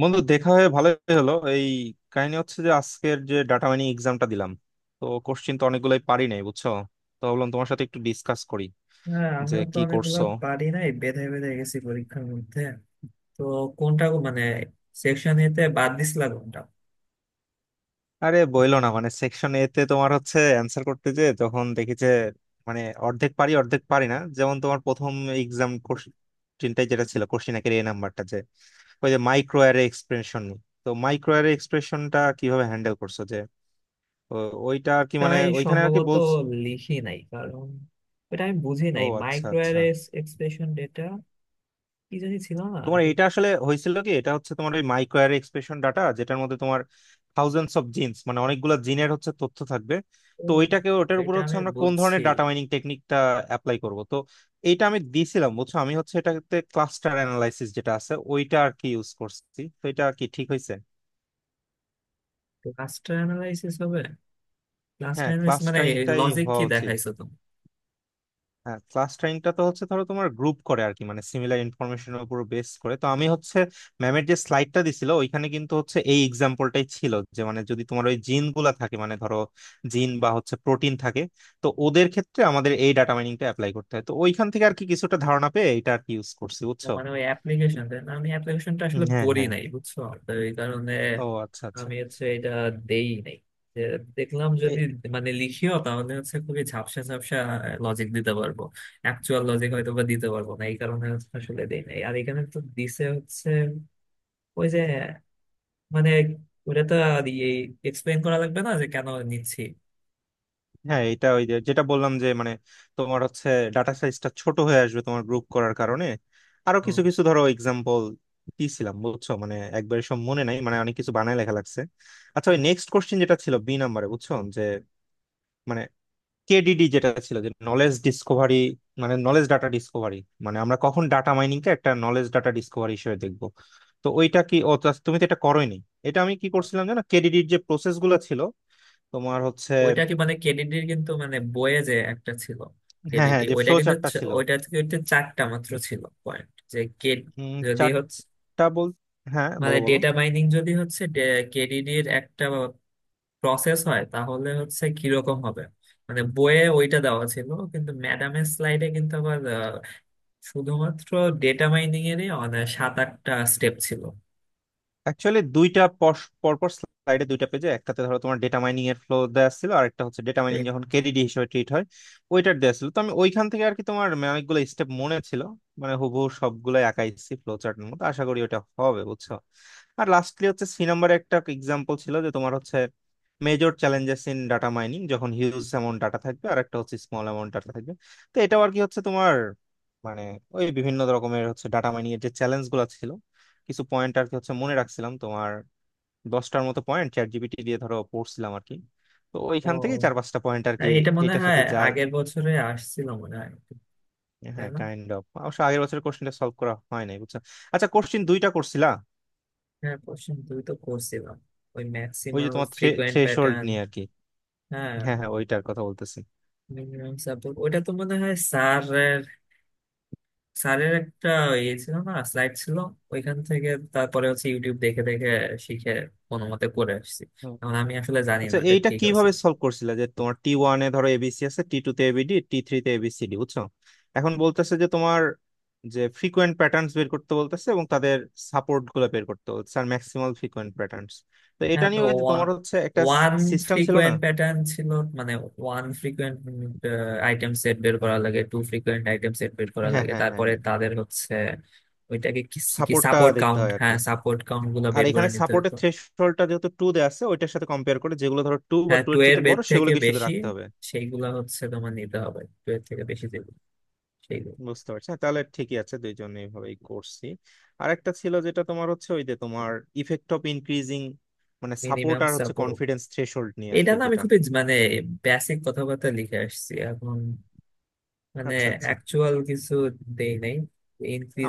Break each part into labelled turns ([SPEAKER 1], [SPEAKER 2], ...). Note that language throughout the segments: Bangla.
[SPEAKER 1] বন্ধু দেখা হয়ে ভালোই হলো। এই কাহিনী হচ্ছে যে আজকের যে ডাটা মাইনিং এক্সামটা দিলাম, তো কোশ্চিন তো অনেকগুলোই পারি নাই, বুঝছো? তো ভাবলাম তোমার সাথে একটু ডিসকাস করি
[SPEAKER 2] হ্যাঁ,
[SPEAKER 1] যে
[SPEAKER 2] আমিও তো
[SPEAKER 1] কি
[SPEAKER 2] অনেকগুলো
[SPEAKER 1] করছো।
[SPEAKER 2] পারি নাই, বেঁধে বেঁধে গেছি পরীক্ষার মধ্যে। তো কোনটা গো- সেকশন এতে বাদ দিছিলা কোনটা?
[SPEAKER 1] আরে বইলো না, মানে সেকশন এ তে তোমার হচ্ছে অ্যান্সার করতে যে তখন দেখি যে মানে অর্ধেক পারি অর্ধেক পারি না, যেমন তোমার প্রথম এক্সাম কোশ্চিনটাই যেটা ছিল, কোশ্চিন একের এ নাম্বারটা যে ওই যে মাইক্রো অ্যারে এক্সপ্রেশন। তো মাইক্রো অ্যারে এক্সপ্রেশনটা কিভাবে হ্যান্ডেল করছো যে ও- ওইটা আর কি, মানে
[SPEAKER 2] তাই
[SPEAKER 1] ওইখানে আর কি
[SPEAKER 2] সম্ভবত
[SPEAKER 1] বলছ।
[SPEAKER 2] লিখি নাই, কারণ এটা আমি বুঝি
[SPEAKER 1] ও
[SPEAKER 2] নাই।
[SPEAKER 1] আচ্ছা
[SPEAKER 2] মাইক্রো
[SPEAKER 1] আচ্ছা,
[SPEAKER 2] এক্সপ্রেশন ডেটা কি জানি, ছিল না
[SPEAKER 1] তোমার
[SPEAKER 2] এটা।
[SPEAKER 1] এটা আসলে হয়েছিল কি, এটা হচ্ছে তোমার ওই মাইক্রো অ্যারে এক্সপ্রেশন ডাটা যেটার মধ্যে তোমার থাউজেন্ডস অফ জিনস, মানে অনেকগুলো জিনের হচ্ছে তথ্য থাকবে।
[SPEAKER 2] ও,
[SPEAKER 1] তো ওইটাকে ওটার উপর
[SPEAKER 2] এটা
[SPEAKER 1] হচ্ছে
[SPEAKER 2] আমি
[SPEAKER 1] আমরা কোন
[SPEAKER 2] বুঝছি।
[SPEAKER 1] ধরনের ডাটা মাইনিং টেকনিকটা অ্যাপ্লাই করব, তো এইটা আমি দিয়েছিলাম বুঝছো, আমি হচ্ছে এটাতে ক্লাস্টার অ্যানালাইসিস যেটা আছে ওইটা আর কি ইউজ করছি। তো এটা কি ঠিক হয়েছে?
[SPEAKER 2] ক্লাস্টার অ্যানালাইসিস হবে। ক্লাস্টার
[SPEAKER 1] হ্যাঁ,
[SPEAKER 2] অ্যানালাইসিস মানে
[SPEAKER 1] ক্লাস্টারিংটাই
[SPEAKER 2] লজিক
[SPEAKER 1] হওয়া
[SPEAKER 2] কি
[SPEAKER 1] উচিত।
[SPEAKER 2] দেখাইছো?
[SPEAKER 1] হ্যাঁ, ক্লাস টাইমটা তো হচ্ছে ধরো তোমার গ্রুপ করে আর কি, মানে সিমিলার ইনফরমেশনের উপর বেস করে। তো আমি হচ্ছে ম্যামের যে স্লাইডটা দিছিল ওইখানে কিন্তু হচ্ছে এই এক্সাম্পলটাই ছিল যে মানে যদি তোমার ওই জিন গুলা থাকে, মানে ধরো জিন বা হচ্ছে প্রোটিন থাকে, তো ওদের ক্ষেত্রে আমাদের এই ডাটা মাইনিংটা অ্যাপ্লাই করতে হয়। তো ওইখান থেকে আর কি কিছুটা ধারণা পেয়ে এটা আর কি ইউজ করছি
[SPEAKER 2] ও
[SPEAKER 1] বুঝছো।
[SPEAKER 2] ওই অ্যাপ্লিকেশন না, আমি অ্যাপ্লিকেশনটা আসলে
[SPEAKER 1] হ্যাঁ
[SPEAKER 2] পড়ি
[SPEAKER 1] হ্যাঁ,
[SPEAKER 2] নাই বুঝছো। তো এই কারণে
[SPEAKER 1] ও আচ্ছা আচ্ছা।
[SPEAKER 2] আমি এটা দেই নাই। যে দেখলাম, যদি লিখিও, তাহলে খুবই ঝাপসা ঝাপসা লজিক দিতে পারবো, অ্যাকচুয়াল লজিক হয়তো বা দিতে পারবো না। এই কারণে আসলে দেই নাই। আর এখানে তো দিছে হচ্ছে ওই যে মানে ওটা তো আর এক্সপ্লেন করা লাগবে না যে কেন নিচ্ছি।
[SPEAKER 1] হ্যাঁ এটা ওই যে যেটা বললাম যে মানে তোমার হচ্ছে ডাটা সাইজটা ছোট হয়ে আসবে তোমার গ্রুপ করার কারণে। আরো কিছু কিছু ধরো এক্সাম্পল দিছিলাম বুঝছো, মানে একবার সব মনে নাই, মানে অনেক কিছু বানায় লেখা লাগছে। আচ্ছা ওই নেক্সট কোশ্চেন যেটা ছিল বি নাম্বারে বুঝছো, যে মানে কেডিডি যেটা ছিল যে নলেজ ডিসকভারি, মানে নলেজ ডাটা ডিসকভারি, মানে আমরা কখন ডাটা মাইনিংকে একটা নলেজ ডাটা ডিসকভারি হিসেবে দেখবো। তো ওইটা কি, তুমি তো এটা করোইনি। এটা আমি কি করছিলাম জানো, কেডিডির যে প্রসেস গুলো ছিল তোমার হচ্ছে।
[SPEAKER 2] ওইটা কি কেডিডির, কিন্তু মানে বইয়ে যে একটা ছিল
[SPEAKER 1] হ্যাঁ
[SPEAKER 2] কেডিডি,
[SPEAKER 1] হ্যাঁ, যে
[SPEAKER 2] ওইটা
[SPEAKER 1] ফ্লো
[SPEAKER 2] কিন্তু
[SPEAKER 1] চার্টটা
[SPEAKER 2] চ-
[SPEAKER 1] ছিল।
[SPEAKER 2] ওইটা কিন্তু চারটা মাত্র ছিল পয়েন্ট যে কে। যদি হচ্ছে
[SPEAKER 1] চারটা। বল। হ্যাঁ,
[SPEAKER 2] মানে
[SPEAKER 1] বলো বলো।
[SPEAKER 2] ডেটা মাইনিং যদি কেডিডির একটা প্রসেস হয়, তাহলে কিরকম হবে? মানে বইয়ে ওইটা দেওয়া ছিল, কিন্তু ম্যাডামের স্লাইডে কিন্তু আবার শুধুমাত্র ডেটা মাইনিং এরই মানে 7-8টা স্টেপ ছিল।
[SPEAKER 1] অ্যাকচুয়ালি দুইটা পরপর স্লাইডে দুইটা পেজে, একটাতে ধরো তোমার ডেটা মাইনিং এর ফ্লো দেওয়া ছিল, আর একটা হচ্ছে ডেটা মাইনিং
[SPEAKER 2] সেই-
[SPEAKER 1] যখন কেডিডি হিসেবে ট্রিট হয় ওইটার দেওয়া ছিল। তো আমি ওইখান থেকে আর কি তোমার মানে অনেকগুলো স্টেপ মনে ছিল, মানে হুবহু সবগুলাই আঁকাইছি ফ্লো চার্টের মতো, আশা করি ওটা হবে বুঝছো। আর লাস্টলি হচ্ছে সি নাম্বারে একটা এক্সাম্পল ছিল যে তোমার হচ্ছে major challenges in data mining, যখন হিউজ অ্যামাউন্ট ডাটা থাকবে আর একটা হচ্ছে স্মল অ্যামাউন্ট ডাটা থাকবে। তো এটাও আর কি হচ্ছে তোমার মানে ওই বিভিন্ন রকমের হচ্ছে ডাটা মাইনিং এর যে চ্যালেঞ্জ গুলো ছিল, কিছু পয়েন্ট আর কি হচ্ছে মনে রাখছিলাম। তোমার 10টার মতো পয়েন্ট চ্যাট জিপিটি দিয়ে ধরো পড়ছিলাম আর কি, তো ওইখান থেকে
[SPEAKER 2] ও,
[SPEAKER 1] চার পাঁচটা পয়েন্ট আর
[SPEAKER 2] আর
[SPEAKER 1] কি
[SPEAKER 2] এটা মনে
[SPEAKER 1] এটার
[SPEAKER 2] হয়
[SPEAKER 1] সাথে যায়।
[SPEAKER 2] আগের বছরে আসছিল মনে হয়, তাই
[SPEAKER 1] হ্যাঁ,
[SPEAKER 2] না?
[SPEAKER 1] কাইন্ড অফ অবশ্য আগের বছরের কোশ্চেনটা সলভ করা হয় নাই বুঝছো। আচ্ছা, কোশ্চেন দুইটা করছিলা।
[SPEAKER 2] হ্যাঁ, কোশ্চেন দুই তো করছিলাম, ওই
[SPEAKER 1] ওই যে
[SPEAKER 2] ম্যাক্সিমাল
[SPEAKER 1] তোমার
[SPEAKER 2] ফ্রিকোয়েন্ট
[SPEAKER 1] থ্রেশহোল্ড
[SPEAKER 2] প্যাটার্ন।
[SPEAKER 1] নিয়ে আর কি।
[SPEAKER 2] হ্যাঁ,
[SPEAKER 1] হ্যাঁ হ্যাঁ, ওইটার কথা বলতেছি।
[SPEAKER 2] মিনিমাম সাপোর্ট ওইটা তো মনে হয় স্যারের স্যারের একটা ইয়ে ছিল না, স্লাইড ছিল, ওইখান থেকে। তারপরে ইউটিউব দেখে দেখে শিখে কোনো মতে করে আসছি। এখন আমি আসলে জানি না
[SPEAKER 1] আচ্ছা
[SPEAKER 2] এটা
[SPEAKER 1] এইটা
[SPEAKER 2] ঠিক আছে।
[SPEAKER 1] কিভাবে সলভ করছিলে যে তোমার টি ওয়ানে ধরো এবিসি আছে, টি টু তে এবিডি, টি থ্রি তে এবিসিডি বুঝছো। এখন বলতেছে যে তোমার যে ফ্রিকোয়েন্ট প্যাটার্নস বের করতে বলতেছে এবং তাদের সাপোর্ট গুলো বের করতে বলতেছে, আর ম্যাক্সিমাল ফ্রিকোয়েন্ট প্যাটার্নস। তো এটা
[SPEAKER 2] হ্যাঁ, তো
[SPEAKER 1] নিয়ে ওই যে তোমার হচ্ছে একটা
[SPEAKER 2] ওয়ান
[SPEAKER 1] সিস্টেম ছিল না।
[SPEAKER 2] ফ্রিকোয়েন্ট প্যাটার্ন ছিল, মানে ওয়ান ফ্রিকোয়েন্ট আইটেম সেট বের করা লাগে, টু ফ্রিকোয়েন্ট আইটেম সেট বের করা
[SPEAKER 1] হ্যাঁ
[SPEAKER 2] লাগে,
[SPEAKER 1] হ্যাঁ হ্যাঁ
[SPEAKER 2] তারপরে
[SPEAKER 1] হ্যাঁ,
[SPEAKER 2] তাদের ওইটাকে কি কি
[SPEAKER 1] সাপোর্টটা
[SPEAKER 2] সাপোর্ট
[SPEAKER 1] দেখতে
[SPEAKER 2] কাউন্ট,
[SPEAKER 1] হয় আর কি।
[SPEAKER 2] হ্যাঁ সাপোর্ট কাউন্ট গুলো
[SPEAKER 1] আর
[SPEAKER 2] বের করে
[SPEAKER 1] এখানে
[SPEAKER 2] নিতে হতো।
[SPEAKER 1] সাপোর্টের থ্রেশহোল্ডটা যেহেতু 2 দেওয়া আছে, ওইটার সাথে কম্পেয়ার করে যেগুলো ধরো টু বা
[SPEAKER 2] হ্যাঁ,
[SPEAKER 1] টু
[SPEAKER 2] টু
[SPEAKER 1] এর
[SPEAKER 2] এর
[SPEAKER 1] চেয়ে
[SPEAKER 2] বের
[SPEAKER 1] বড়
[SPEAKER 2] থেকে
[SPEAKER 1] সেগুলোকে শুধু
[SPEAKER 2] বেশি,
[SPEAKER 1] রাখতে হবে।
[SPEAKER 2] সেইগুলা তোমার নিতে হবে, টু এর থেকে বেশি যেগুলো, সেইগুলো।
[SPEAKER 1] বুঝতে পারছি, হ্যাঁ, তাহলে ঠিকই আছে, দুইজন এইভাবেই করছি। আর একটা ছিল যেটা তোমার হচ্ছে ওই যে তোমার ইফেক্ট অফ ইনক্রিজিং, মানে সাপোর্ট
[SPEAKER 2] মিনিমাম
[SPEAKER 1] আর হচ্ছে
[SPEAKER 2] সাপোর্ট,
[SPEAKER 1] কনফিডেন্স থ্রেশহোল্ড নিয়ে আর
[SPEAKER 2] এটা
[SPEAKER 1] কি
[SPEAKER 2] না আমি
[SPEAKER 1] যেটা।
[SPEAKER 2] খুবই বেসিক কথাবার্তা লিখে আসছি এখন। মানে
[SPEAKER 1] আচ্ছা আচ্ছা,
[SPEAKER 2] অ্যাকচুয়াল কিছু দেই নাই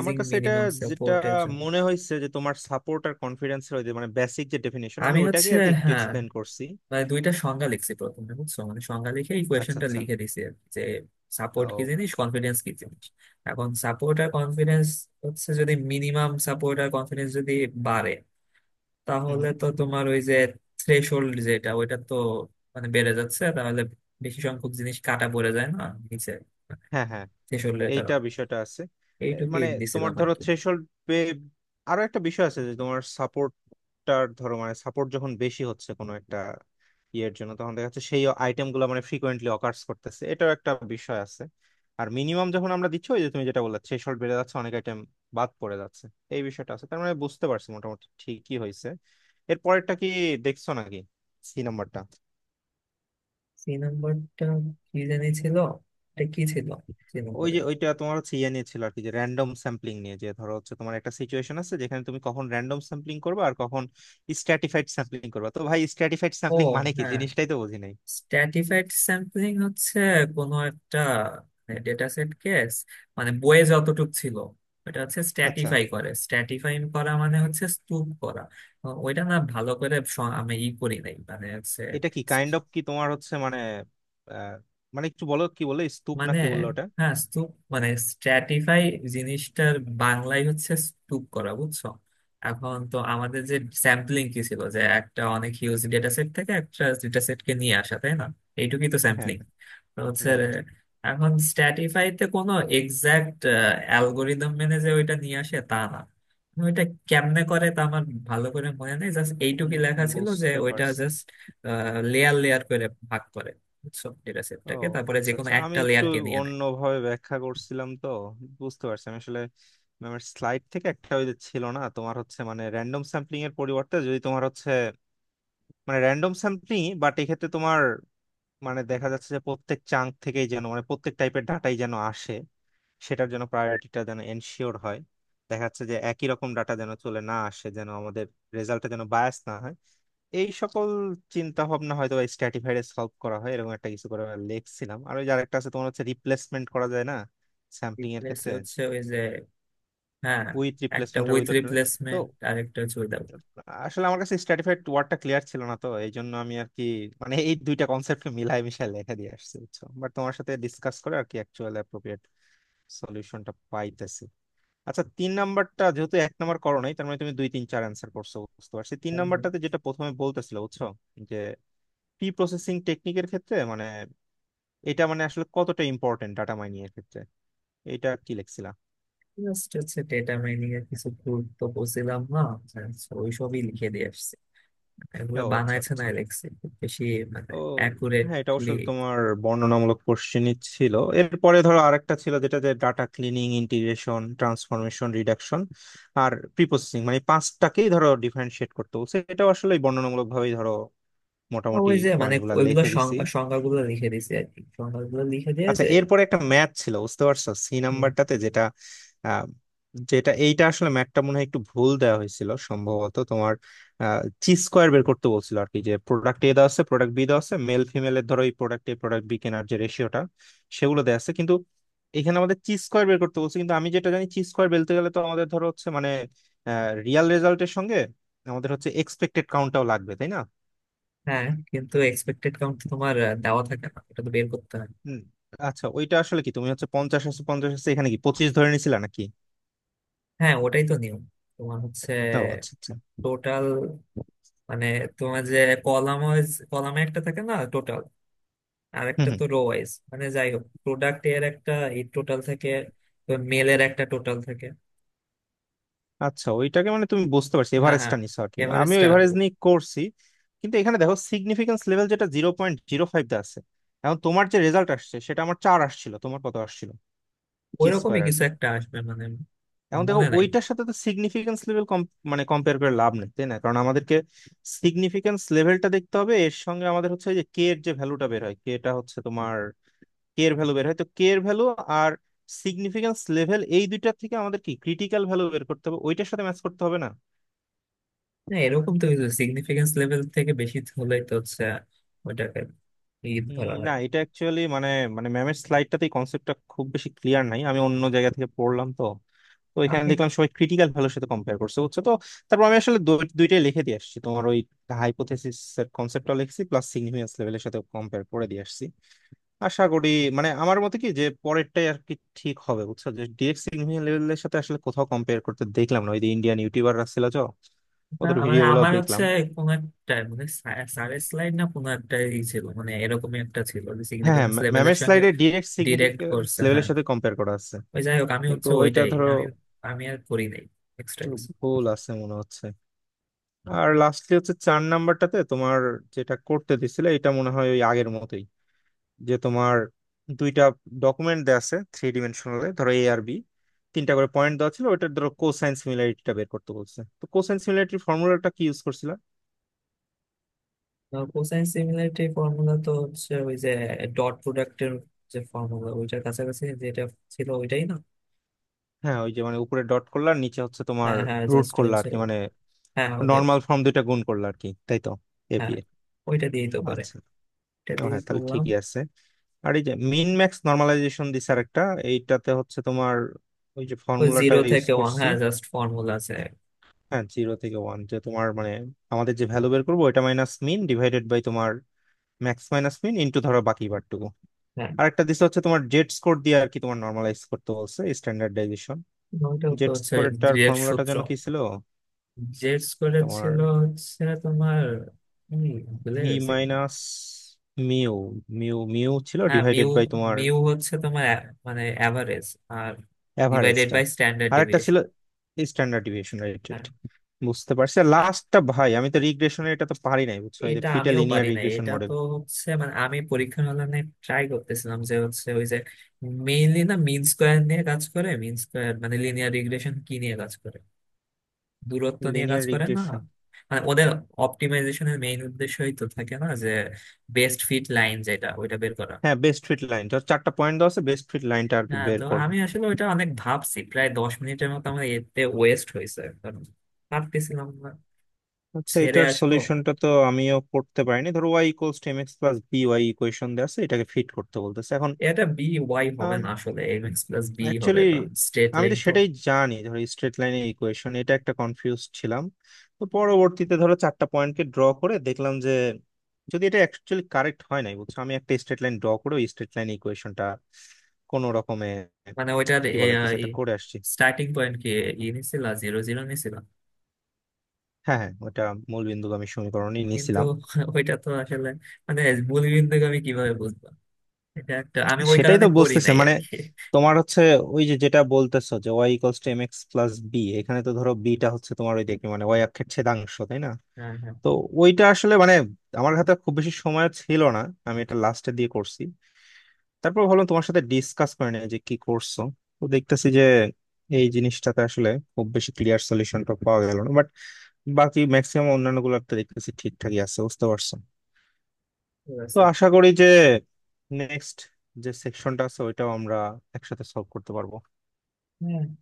[SPEAKER 1] আমার কাছে এটা
[SPEAKER 2] মিনিমাম
[SPEAKER 1] যেটা
[SPEAKER 2] সাপোর্টের জন্য।
[SPEAKER 1] মনে হয়েছে যে তোমার সাপোর্ট আর কনফিডেন্সের ওই যে মানে বেসিক যে ডেফিনেশন, আমি
[SPEAKER 2] আমি
[SPEAKER 1] ওইটাকে আর কি একটু
[SPEAKER 2] হ্যাঁ,
[SPEAKER 1] এক্সপ্লেন করছি।
[SPEAKER 2] মানে দুইটা সংজ্ঞা লিখছি প্রথমে বুঝছো, মানে সংজ্ঞা লিখে এই
[SPEAKER 1] আচ্ছা
[SPEAKER 2] কোয়েশনটা
[SPEAKER 1] আচ্ছা।
[SPEAKER 2] লিখে দিছি আর কি, যে সাপোর্ট কি
[SPEAKER 1] ও।
[SPEAKER 2] জিনিস, কনফিডেন্স কি জিনিস। এখন সাপোর্ট আর কনফিডেন্স যদি মিনিমাম সাপোর্ট আর কনফিডেন্স যদি বাড়ে,
[SPEAKER 1] হুম
[SPEAKER 2] তাহলে
[SPEAKER 1] হুম।
[SPEAKER 2] তো তোমার ওই যে থ্রেশহোল্ড যেটা, ওইটা তো বেড়ে যাচ্ছে, তাহলে বেশি সংখ্যক জিনিস কাটা পড়ে যায় না নিচে,
[SPEAKER 1] হ্যাঁ হ্যাঁ।
[SPEAKER 2] থ্রেশহোল্ডের
[SPEAKER 1] এইটা
[SPEAKER 2] কারণে।
[SPEAKER 1] বিষয়টা আছে।
[SPEAKER 2] এইটুকুই
[SPEAKER 1] মানে তোমার
[SPEAKER 2] দিছিলাম আর
[SPEAKER 1] ধরো
[SPEAKER 2] কি।
[SPEAKER 1] থ্রেশহোল্ড, আরো একটা বিষয় আছে যে তোমার সাপোর্ট, সাপোর্টটার ধরো মানে সাপোর্ট যখন বেশি হচ্ছে কোনো একটা ইয়ের জন্য, তখন দেখা যাচ্ছে সেই আইটেমগুলো মানে ফ্রিকোয়েন্টলি অকার্স করতেছে, এটাও একটা বিষয় আছে। আর মিনিমাম যখন আমরা দিচ্ছি ওই যে তুমি যেটা বললে, থ্রেশহোল্ড বেড়ে যাচ্ছে অনেক আইটেম বাদ পড়ে যাচ্ছে, এই বিষয়টা আছে। তার মানে বুঝতে পারছি মোটামুটি ঠিকই হয়েছে। এর পরেরটা কি, দেখছো নাকি সি নাম্বারটা?
[SPEAKER 2] সি নাম্বারটা কি জানি ছিল, এটা কি ছিল সি
[SPEAKER 1] ওই
[SPEAKER 2] নম্বরে?
[SPEAKER 1] যে ওইটা তোমার হচ্ছে ইয়ে নিয়ে ছিল আর কি, যে র্যান্ডম স্যাম্পলিং নিয়ে, যে ধরো হচ্ছে তোমার একটা সিচুয়েশন আছে যেখানে তুমি কখন র্যান্ডম স্যাম্পলিং করবে আর কখন স্ট্র্যাটিফাইড স্যাম্পলিং করবে। তো ভাই স্ট্র্যাটিফাইড
[SPEAKER 2] ও
[SPEAKER 1] স্যাম্পলিং মানে কি
[SPEAKER 2] হ্যাঁ,
[SPEAKER 1] জিনিসটাই তো বুঝি নাই।
[SPEAKER 2] স্ট্র্যাটিফাইড স্যাম্পলিং হচ্ছে কোনো একটা ডেটা সেট কেস, মানে বইয়ে যতটুক ছিল, ওটা হচ্ছে
[SPEAKER 1] আচ্ছা
[SPEAKER 2] স্ট্র্যাটিফাই করে, স্ট্র্যাটিফাই করা মানে হচ্ছে স্তূপ করা। ওইটা না ভালো করে স- আমি ই করি নাই মানে হচ্ছে।
[SPEAKER 1] এটা কি কাইন্ড অফ কি তোমার হচ্ছে মানে আহ, মানে একটু বলো কি বলে, স্তূপ না
[SPEAKER 2] মানে
[SPEAKER 1] কি বললো ওটা।
[SPEAKER 2] হ্যাঁ, স্তূপ মানে স্ট্র্যাটিফাই, জিনিসটার বাংলায় হচ্ছে স্তূপ করা বুঝছো। এখন তো আমাদের যে স্যাম্পলিং কি ছিল, যে একটা অনেক হিউজ ডেটা সেট থেকে একটা ডেটা সেটকে নিয়ে আসা, তাই না? এইটুকুই তো
[SPEAKER 1] হ্যাঁ,
[SPEAKER 2] স্যাম্পলিং। তো হচ্ছে রে,
[SPEAKER 1] রাইট।
[SPEAKER 2] এখন স্ট্র্যাটিফাইতে কোনো এক্সাক্ট অ্যালগোরিদম মেনে যে ওইটা নিয়ে আসে তা না। আমি ওইটা কেমনে করে তা আমার ভালো করে মনে নেই। জাস্ট এইটুকুই লেখা ছিল যে
[SPEAKER 1] বুঝতে
[SPEAKER 2] ওইটা
[SPEAKER 1] পারছি।
[SPEAKER 2] জাস্ট লেয়ার লেয়ার করে ভাগ করে বুঝছো ডেটা
[SPEAKER 1] ও
[SPEAKER 2] সেটটাকে, তারপরে
[SPEAKER 1] আচ্ছা
[SPEAKER 2] যে কোনো
[SPEAKER 1] আচ্ছা, আমি
[SPEAKER 2] একটা
[SPEAKER 1] একটু
[SPEAKER 2] লেয়ারকে নিয়ে নেয়।
[SPEAKER 1] অন্যভাবে ব্যাখ্যা করছিলাম তো। বুঝতে পারছি, আমি আসলে ম্যামের স্লাইড থেকে একটা ওই যে ছিল না তোমার হচ্ছে মানে র্যান্ডম স্যাম্পলিং এর পরিবর্তে যদি তোমার হচ্ছে মানে র্যান্ডম স্যাম্পলিং, বাট এক্ষেত্রে তোমার মানে দেখা যাচ্ছে যে প্রত্যেক চাঙ্ক থেকেই যেন মানে প্রত্যেক টাইপের ডাটাই যেন আসে, সেটার জন্য প্রায়োরিটিটা যেন এনশিওর হয়, দেখা যাচ্ছে যে একই রকম ডাটা যেন চলে না আসে, যেন আমাদের রেজাল্টটা যেন বায়াস না হয়, এই সকল চিন্তা ভাবনা হয়তো স্ট্র্যাটিফাইড সলভ করা হয়, এরকম একটা কিছু করে লিখছিলাম। আর ওই যে আরেকটা আছে তোমার হচ্ছে রিপ্লেসমেন্ট করা যায় না স্যাম্পলিং এর
[SPEAKER 2] রিপ্লেস
[SPEAKER 1] ক্ষেত্রে,
[SPEAKER 2] হচ্ছে ওই যে, হ্যাঁ
[SPEAKER 1] উইথ
[SPEAKER 2] একটা
[SPEAKER 1] রিপ্লেসমেন্ট আর
[SPEAKER 2] উইথ
[SPEAKER 1] উইথ। তো
[SPEAKER 2] রিপ্লেসমেন্ট আর একটা হচ্ছে উইদাউট।
[SPEAKER 1] আসলে আমার কাছে স্ট্র্যাটিফাইড ওয়ার্ডটা ক্লিয়ার ছিল না, তো এই জন্য আমি আর কি মানে এই দুইটা কনসেপ্টকে মিলাই মিশাই লেখা দিয়ে আসছি বুঝছো, বাট তোমার সাথে ডিসকাস করে আর কি অ্যাকচুয়াল অ্যাপ্রোপ্রিয়েট সলিউশনটা পাইতেছি। আচ্ছা তিন নাম্বারটা যেহেতু এক নাম্বার করো নাই, তার মানে তুমি দুই তিন চার অ্যান্সার করছো, বুঝতে পারছি। তিন নাম্বারটাতে যেটা প্রথমে বলতেছিল বুঝছো যে প্রি প্রসেসিং টেকনিকের ক্ষেত্রে, মানে এটা মানে আসলে কতটা ইম্পর্টেন্ট ডাটা মাইনিং এর ক্ষেত্রে, এটা কি লেখছিলা?
[SPEAKER 2] জাস্ট ডেটা মাইনিং এর কিছু গুরুত্ব বুঝছিলাম না, just ওইসবই লিখে দিয়ে আসছি। এগুলো
[SPEAKER 1] ও আচ্ছা
[SPEAKER 2] বানাইছে না,
[SPEAKER 1] আচ্ছা।
[SPEAKER 2] লিখছি খুব বেশি।
[SPEAKER 1] ও। হ্যাঁ এটা
[SPEAKER 2] অ্যাকুরেটলি।
[SPEAKER 1] অবশ্য তোমার বর্ণনামূলক কোশ্চেনই ছিল। এরপরে ধরো আরেকটা ছিল যেটা যে data cleaning, integration, transformation, reduction আর প্রি প্রসেসিং, মানে পাঁচটাকেই ধরো ডিফারেন্সিয়েট করতে বলছে, এটা আসলে বর্ণনামূলক ভাবেই ধরো মোটামুটি
[SPEAKER 2] ওই যে
[SPEAKER 1] পয়েন্ট গুলা
[SPEAKER 2] ওইগুলো
[SPEAKER 1] লিখে দিছি।
[SPEAKER 2] সংজ্ঞা, সংজ্ঞাগুলো লিখে দিয়েছি আর কি সংজ্ঞাগুলো লিখে
[SPEAKER 1] আচ্ছা
[SPEAKER 2] দিয়েছে
[SPEAKER 1] এরপরে একটা ম্যাথ ছিল বুঝতে পারছো, সি
[SPEAKER 2] হুম,
[SPEAKER 1] নাম্বারটাতে যেটা আহ, যেটা এইটা আসলে ম্যাথটা মনে হয় একটু ভুল দেওয়া হয়েছিল সম্ভবত, তোমার চি স্কোয়ার বের করতে বলছিল আর কি, যে প্রোডাক্ট এ দেওয়া আছে প্রোডাক্ট বি দেওয়া আছে মেল ফিমেলের, ধরো এই প্রোডাক্ট এ প্রোডাক্ট বি কেনার যে রেশিওটা সেগুলো দেওয়া আছে, কিন্তু এখানে আমাদের চি স্কোয়ার বের করতে বলছে কিন্তু আমি যেটা জানি চি স্কোয়ার বেলতে গেলে তো আমাদের ধরো হচ্ছে মানে রিয়াল রেজাল্টের সঙ্গে আমাদের হচ্ছে এক্সপেক্টেড কাউন্টটাও লাগবে, তাই না?
[SPEAKER 2] হ্যাঁ কিন্তু এক্সপেক্টেড কাউন্ট তোমার দেওয়া থাকে না, এটা তো বের করতে হয়।
[SPEAKER 1] হুম। আচ্ছা ওইটা আসলে কি তুমি হচ্ছে 50 আছে 50 আছে, এখানে কি 25 ধরে নিছিলা নাকি?
[SPEAKER 2] হ্যাঁ, ওটাই তো নিয়ম। তোমার
[SPEAKER 1] ও আচ্ছা আচ্ছা।
[SPEAKER 2] টোটাল, মানে তোমার যে কলাম ওয়াইজ, কলামে একটা থাকে না টোটাল, আর
[SPEAKER 1] হুম
[SPEAKER 2] একটা
[SPEAKER 1] হুম।
[SPEAKER 2] তো রো ওয়াইজ, মানে যাই হোক, প্রোডাক্ট এর একটা এই টোটাল থাকে, মেলের একটা টোটাল থাকে।
[SPEAKER 1] আচ্ছা ওইটাকে মানে তুমি বুঝতে পারছি
[SPEAKER 2] হ্যাঁ হ্যাঁ,
[SPEAKER 1] এভারেজটা নিছো আর কি, আমিও
[SPEAKER 2] এভারেজটা
[SPEAKER 1] এভারেজ নিয়ে করছি। কিন্তু এখানে দেখো সিগনিফিকেন্স লেভেল যেটা 0.05 দা আছে। এখন তোমার যে রেজাল্ট আসছে সেটা আমার চার আসছিল, তোমার কত আসছিল, জি
[SPEAKER 2] ওইরকমই
[SPEAKER 1] স্কোয়ার আর
[SPEAKER 2] কিছু
[SPEAKER 1] কি।
[SPEAKER 2] একটা আসবে
[SPEAKER 1] এখন দেখো
[SPEAKER 2] মনে নাই।
[SPEAKER 1] ওইটার সাথে তো সিগনিফিকেন্স লেভেল মানে কম্পেয়ার করে লাভ নেই, তাই না, কারণ আমাদেরকে সিগনিফিকেন্স লেভেলটা দেখতে হবে এর সঙ্গে, আমাদের হচ্ছে ওই যে কে এর যে ভ্যালুটা বের হয়, কে এটা হচ্ছে তোমার কে এর ভ্যালু বের হয়, তো কে এর ভ্যালু আর সিগনিফিকেন্স লেভেল এই দুইটা থেকে আমাদের কি ক্রিটিক্যাল ভ্যালু বের করতে হবে ওইটার সাথে ম্যাচ করতে হবে না?
[SPEAKER 2] না, এরকম তো কিছু, সিগনিফিকেন্স লেভেল থেকে বেশি হলেই তো ওটাকে ঈদ ধরা
[SPEAKER 1] না
[SPEAKER 2] হয়।
[SPEAKER 1] এটা অ্যাকচুয়ালি মানে, মানে ম্যামের স্লাইডটাতেই কনসেপ্টটা খুব বেশি ক্লিয়ার নাই, আমি অন্য জায়গা থেকে পড়লাম তো। তো এখানে
[SPEAKER 2] আমি
[SPEAKER 1] দেখলাম সবাই ক্রিটিক্যাল ভ্যালুর সাথে কম্পেয়ার করছে বুঝছো। তো তারপর আমি আসলে দুইটাই লিখে দিয়ে আসছি, তোমার ওই হাইপোথেসিস এর কনসেপ্টটা লিখছি প্লাস সিগনিফিকেন্স লেভেলের সাথে কম্পেয়ার করে দিয়ে আসছি। আশা করি মানে আমার মতে কি যে পরেরটাই আর কি ঠিক হবে বুঝছো, যে ডিএক্স ইনহিবিশন লেভেলের সাথে আসলে কোথাও কম্পেয়ার করতে দেখলাম না, ওই যে ইন্ডিয়ান ইউটিউবাররা ছিল তো,
[SPEAKER 2] না,
[SPEAKER 1] ওদের ভিডিও গুলো
[SPEAKER 2] আমার
[SPEAKER 1] দেখলাম।
[SPEAKER 2] কোনো একটা সারের স্লাইড না কোনো একটা ই ছিল, মানে এরকমই একটা ছিল যে
[SPEAKER 1] হ্যাঁ হ্যাঁ,
[SPEAKER 2] সিগনিফিকেন্স লেভেলের
[SPEAKER 1] ম্যামের
[SPEAKER 2] সঙ্গে
[SPEAKER 1] স্লাইডে ডিএক্স
[SPEAKER 2] ডিরেক্ট
[SPEAKER 1] সিগনিফিকেন্স
[SPEAKER 2] করছে,
[SPEAKER 1] লেভেলের
[SPEAKER 2] হ্যাঁ।
[SPEAKER 1] সাথে কম্পেয়ার করা আছে,
[SPEAKER 2] ওই যাই হোক, আমি
[SPEAKER 1] কিন্তু ওইটা
[SPEAKER 2] ওইটাই
[SPEAKER 1] ধরো
[SPEAKER 2] আমি, আমি আর করি নাই এক্সট্রা
[SPEAKER 1] একটু
[SPEAKER 2] কিছু।
[SPEAKER 1] ভুল আছে মনে হচ্ছে। আর লাস্টলি হচ্ছে চার নাম্বারটাতে তোমার যেটা করতে দিছিলে, এটা মনে হয় ওই আগের মতোই, যে তোমার দুইটা ডকুমেন্ট দেওয়া আছে থ্রি ডিমেনশনালে ধরো এ আর বি, তিনটা করে পয়েন্ট দেওয়া ছিল, ওইটার ধরো কোসাইন সিমিলারিটিটা বের করতে বলছে। তো কোসাইন সিমিলারিটির ফর্মুলাটা কি ইউজ করছিলা?
[SPEAKER 2] কোসাইন সিমিলারিটি ফর্মুলা তো হচ্ছে ওই যে ডট প্রোডাক্টের যে ফর্মুলা, ওইটার কাছাকাছি যেটা ছিল ওইটাই না।
[SPEAKER 1] হ্যাঁ ওই যে মানে উপরে ডট করলা আর নিচে হচ্ছে তোমার
[SPEAKER 2] হ্যাঁ হ্যাঁ,
[SPEAKER 1] রুট
[SPEAKER 2] জাস্ট
[SPEAKER 1] করলা আর
[SPEAKER 2] হচ্ছে,
[SPEAKER 1] কি, মানে
[SPEAKER 2] হ্যাঁ ওদের,
[SPEAKER 1] নর্মাল ফর্ম দুইটা গুণ করলা আর কি, তাই তো, এ বি
[SPEAKER 2] হ্যাঁ
[SPEAKER 1] এর।
[SPEAKER 2] ওইটা দিয়েই তো করে,
[SPEAKER 1] আচ্ছা,
[SPEAKER 2] এটা
[SPEAKER 1] ও
[SPEAKER 2] দিয়ে
[SPEAKER 1] হ্যাঁ তাহলে
[SPEAKER 2] করলাম।
[SPEAKER 1] ঠিকই আছে। আর এই যে মিন ম্যাক্স নর্মালাইজেশন দিছে আরেকটা, এইটাতে হচ্ছে তোমার ওই যে
[SPEAKER 2] ওই
[SPEAKER 1] ফর্মুলাটা
[SPEAKER 2] জিরো
[SPEAKER 1] ইউজ
[SPEAKER 2] থেকে ওয়ান,
[SPEAKER 1] করছি।
[SPEAKER 2] হ্যাঁ জাস্ট ফর্মুলা আছে।
[SPEAKER 1] হ্যাঁ 0 থেকে 1, যে তোমার মানে আমাদের যে ভ্যালু বের করবো ওইটা মাইনাস মিন ডিভাইডেড বাই তোমার ম্যাক্স মাইনাস মিন ইনটু ধরো বাকি বারটুকু।
[SPEAKER 2] হ্যাঁ,
[SPEAKER 1] আর একটা দিছে হচ্ছে তোমার জেড স্কোর দিয়ে আর কি তোমার নর্মালাইজ করতে বলছে, স্ট্যান্ডার্ডাইজেশন।
[SPEAKER 2] ওইটা তো
[SPEAKER 1] জেড
[SPEAKER 2] হচ্ছে
[SPEAKER 1] স্কোরেরটার
[SPEAKER 2] ডিরেক্ট
[SPEAKER 1] ফর্মুলাটা
[SPEAKER 2] সূত্র,
[SPEAKER 1] যেন কি ছিল,
[SPEAKER 2] জেড স্কোয়ার
[SPEAKER 1] তোমার
[SPEAKER 2] ছিল হচ্ছে তোমার, উম, ভুলে
[SPEAKER 1] ভি
[SPEAKER 2] গেছি।
[SPEAKER 1] মাইনাস মিউ, মিউ ছিল,
[SPEAKER 2] হ্যাঁ মিউ,
[SPEAKER 1] ডিভাইডেড বাই তোমার
[SPEAKER 2] মিউ হচ্ছে তোমার এ- অ্যাভারেজ, আর ডিভাইডেড
[SPEAKER 1] অ্যাভারেজটা।
[SPEAKER 2] বাই স্ট্যান্ডার্ড
[SPEAKER 1] আর একটা ছিল
[SPEAKER 2] ডেভিয়েশন।
[SPEAKER 1] Standard deviation related.
[SPEAKER 2] হ্যাঁ
[SPEAKER 1] বুঝতে পারছি। আর
[SPEAKER 2] আ-
[SPEAKER 1] লাস্টটা ভাই আমি তো রিগ্রেশনের এটা তো পারি নাই বুঝছো, এই যে
[SPEAKER 2] এটা
[SPEAKER 1] ফিটা
[SPEAKER 2] আমিও
[SPEAKER 1] লিনিয়ার
[SPEAKER 2] পারি না।
[SPEAKER 1] রিগ্রেশন
[SPEAKER 2] এটা
[SPEAKER 1] মডেল।
[SPEAKER 2] তো হচ্ছে আমি পরীক্ষার হলে ট্রাই করতেছিলাম যে ওই যে মেইনলি না, মিন স্কোয়ার নিয়ে কাজ করে। মিন স্কোয়ার লিনিয়ার রিগ্রেশন কি নিয়ে কাজ করে, দূরত্ব নিয়ে কাজ
[SPEAKER 1] লিনিয়ার
[SPEAKER 2] করে না?
[SPEAKER 1] রিগ্রেশন।
[SPEAKER 2] ওদের অপটিমাইজেশনের মেইন উদ্দেশ্যই তো থাকে না যে বেস্ট ফিট লাইন যেটা, ওইটা বের করা।
[SPEAKER 1] হ্যাঁ বেস্ট ফিট লাইন, চারটা পয়েন্ট দেওয়া আছে, বেস্ট ফিট লাইনটা আর কি
[SPEAKER 2] হ্যাঁ,
[SPEAKER 1] বের
[SPEAKER 2] তো
[SPEAKER 1] করবে।
[SPEAKER 2] আমি আসলে ওইটা অনেক ভাবছি, প্রায় 10 মিনিটের মতো আমার এতে ওয়েস্ট হয়েছে। কারণ ভাবতেছিলাম না,
[SPEAKER 1] আচ্ছা
[SPEAKER 2] ছেড়ে
[SPEAKER 1] এটার
[SPEAKER 2] আসবো।
[SPEAKER 1] সলিউশনটা তো আমিও করতে পারিনি, ধরো Y equals to X plus B Y equation দেওয়া আছে, এটাকে ফিট করতে বলতেছে এখন।
[SPEAKER 2] এটা বি ওয়াই হবে না আসলে, এম এক্স প্লাস বি হবে,
[SPEAKER 1] অ্যাকচুয়ালি
[SPEAKER 2] কারণ স্ট্রেট
[SPEAKER 1] আমি
[SPEAKER 2] লাইন
[SPEAKER 1] তো
[SPEAKER 2] তো।
[SPEAKER 1] সেটাই জানি ধরো স্ট্রেট লাইনের ইকুয়েশন, এটা একটা কনফিউজ ছিলাম। তো পরবর্তীতে ধরো চারটা পয়েন্টকে ড্র করে দেখলাম যে যদি এটা অ্যাকচুয়ালি কারেক্ট হয় নাই বুঝছো, আমি একটা স্ট্রেট লাইন ড্র করে ওই স্ট্রেট লাইন ইকুয়েশনটা কোনো রকমে
[SPEAKER 2] মানে ওইটার
[SPEAKER 1] কি বলে কিছু একটা করে আসছি।
[SPEAKER 2] স্টার্টিং পয়েন্ট কি, ই নিছিল, জিরো জিরো নিছিল।
[SPEAKER 1] হ্যাঁ হ্যাঁ ওটা মূল বিন্দুগামী সমীকরণই
[SPEAKER 2] কিন্তু
[SPEAKER 1] নিয়েছিলাম।
[SPEAKER 2] ওইটা তো আসলে মানে মূলবিন্দুকে আমি কিভাবে বুঝবো, এটা একটা, আমি ওই
[SPEAKER 1] সেটাই
[SPEAKER 2] কারণে
[SPEAKER 1] তো
[SPEAKER 2] করি
[SPEAKER 1] বুঝতেছে
[SPEAKER 2] নাই আর
[SPEAKER 1] মানে
[SPEAKER 2] কি।
[SPEAKER 1] তোমার হচ্ছে ওই যে যেটা বলতেছো যে Y equals to M X plus B, এখানে তো ধরো বিটা হচ্ছে তোমার ওই দেখি মানে ওয়াই অক্ষের ছেদাংশ, তাই না?
[SPEAKER 2] হ্যাঁ হ্যাঁ,
[SPEAKER 1] তো ওইটা আসলে মানে আমার হাতে খুব বেশি সময় ছিল না, আমি এটা লাস্টে দিয়ে করছি। তারপর ভাবলাম তোমার সাথে ডিসকাস করে নিই যে কি করছো। তো দেখতেছি যে এই জিনিসটাতে আসলে খুব বেশি ক্লিয়ার সলিউশনটা পাওয়া গেল না, বাট বাকি ম্যাক্সিমাম অন্যান্য গুলোতে দেখতেছি ঠিকঠাকই আছে, বুঝতে পারছো।
[SPEAKER 2] ঠিক
[SPEAKER 1] তো
[SPEAKER 2] আছে,
[SPEAKER 1] আশা করি যে নেক্সট যে সেকশনটা আছে ওইটাও আমরা একসাথে সলভ করতে পারবো।
[SPEAKER 2] হ্যাঁ।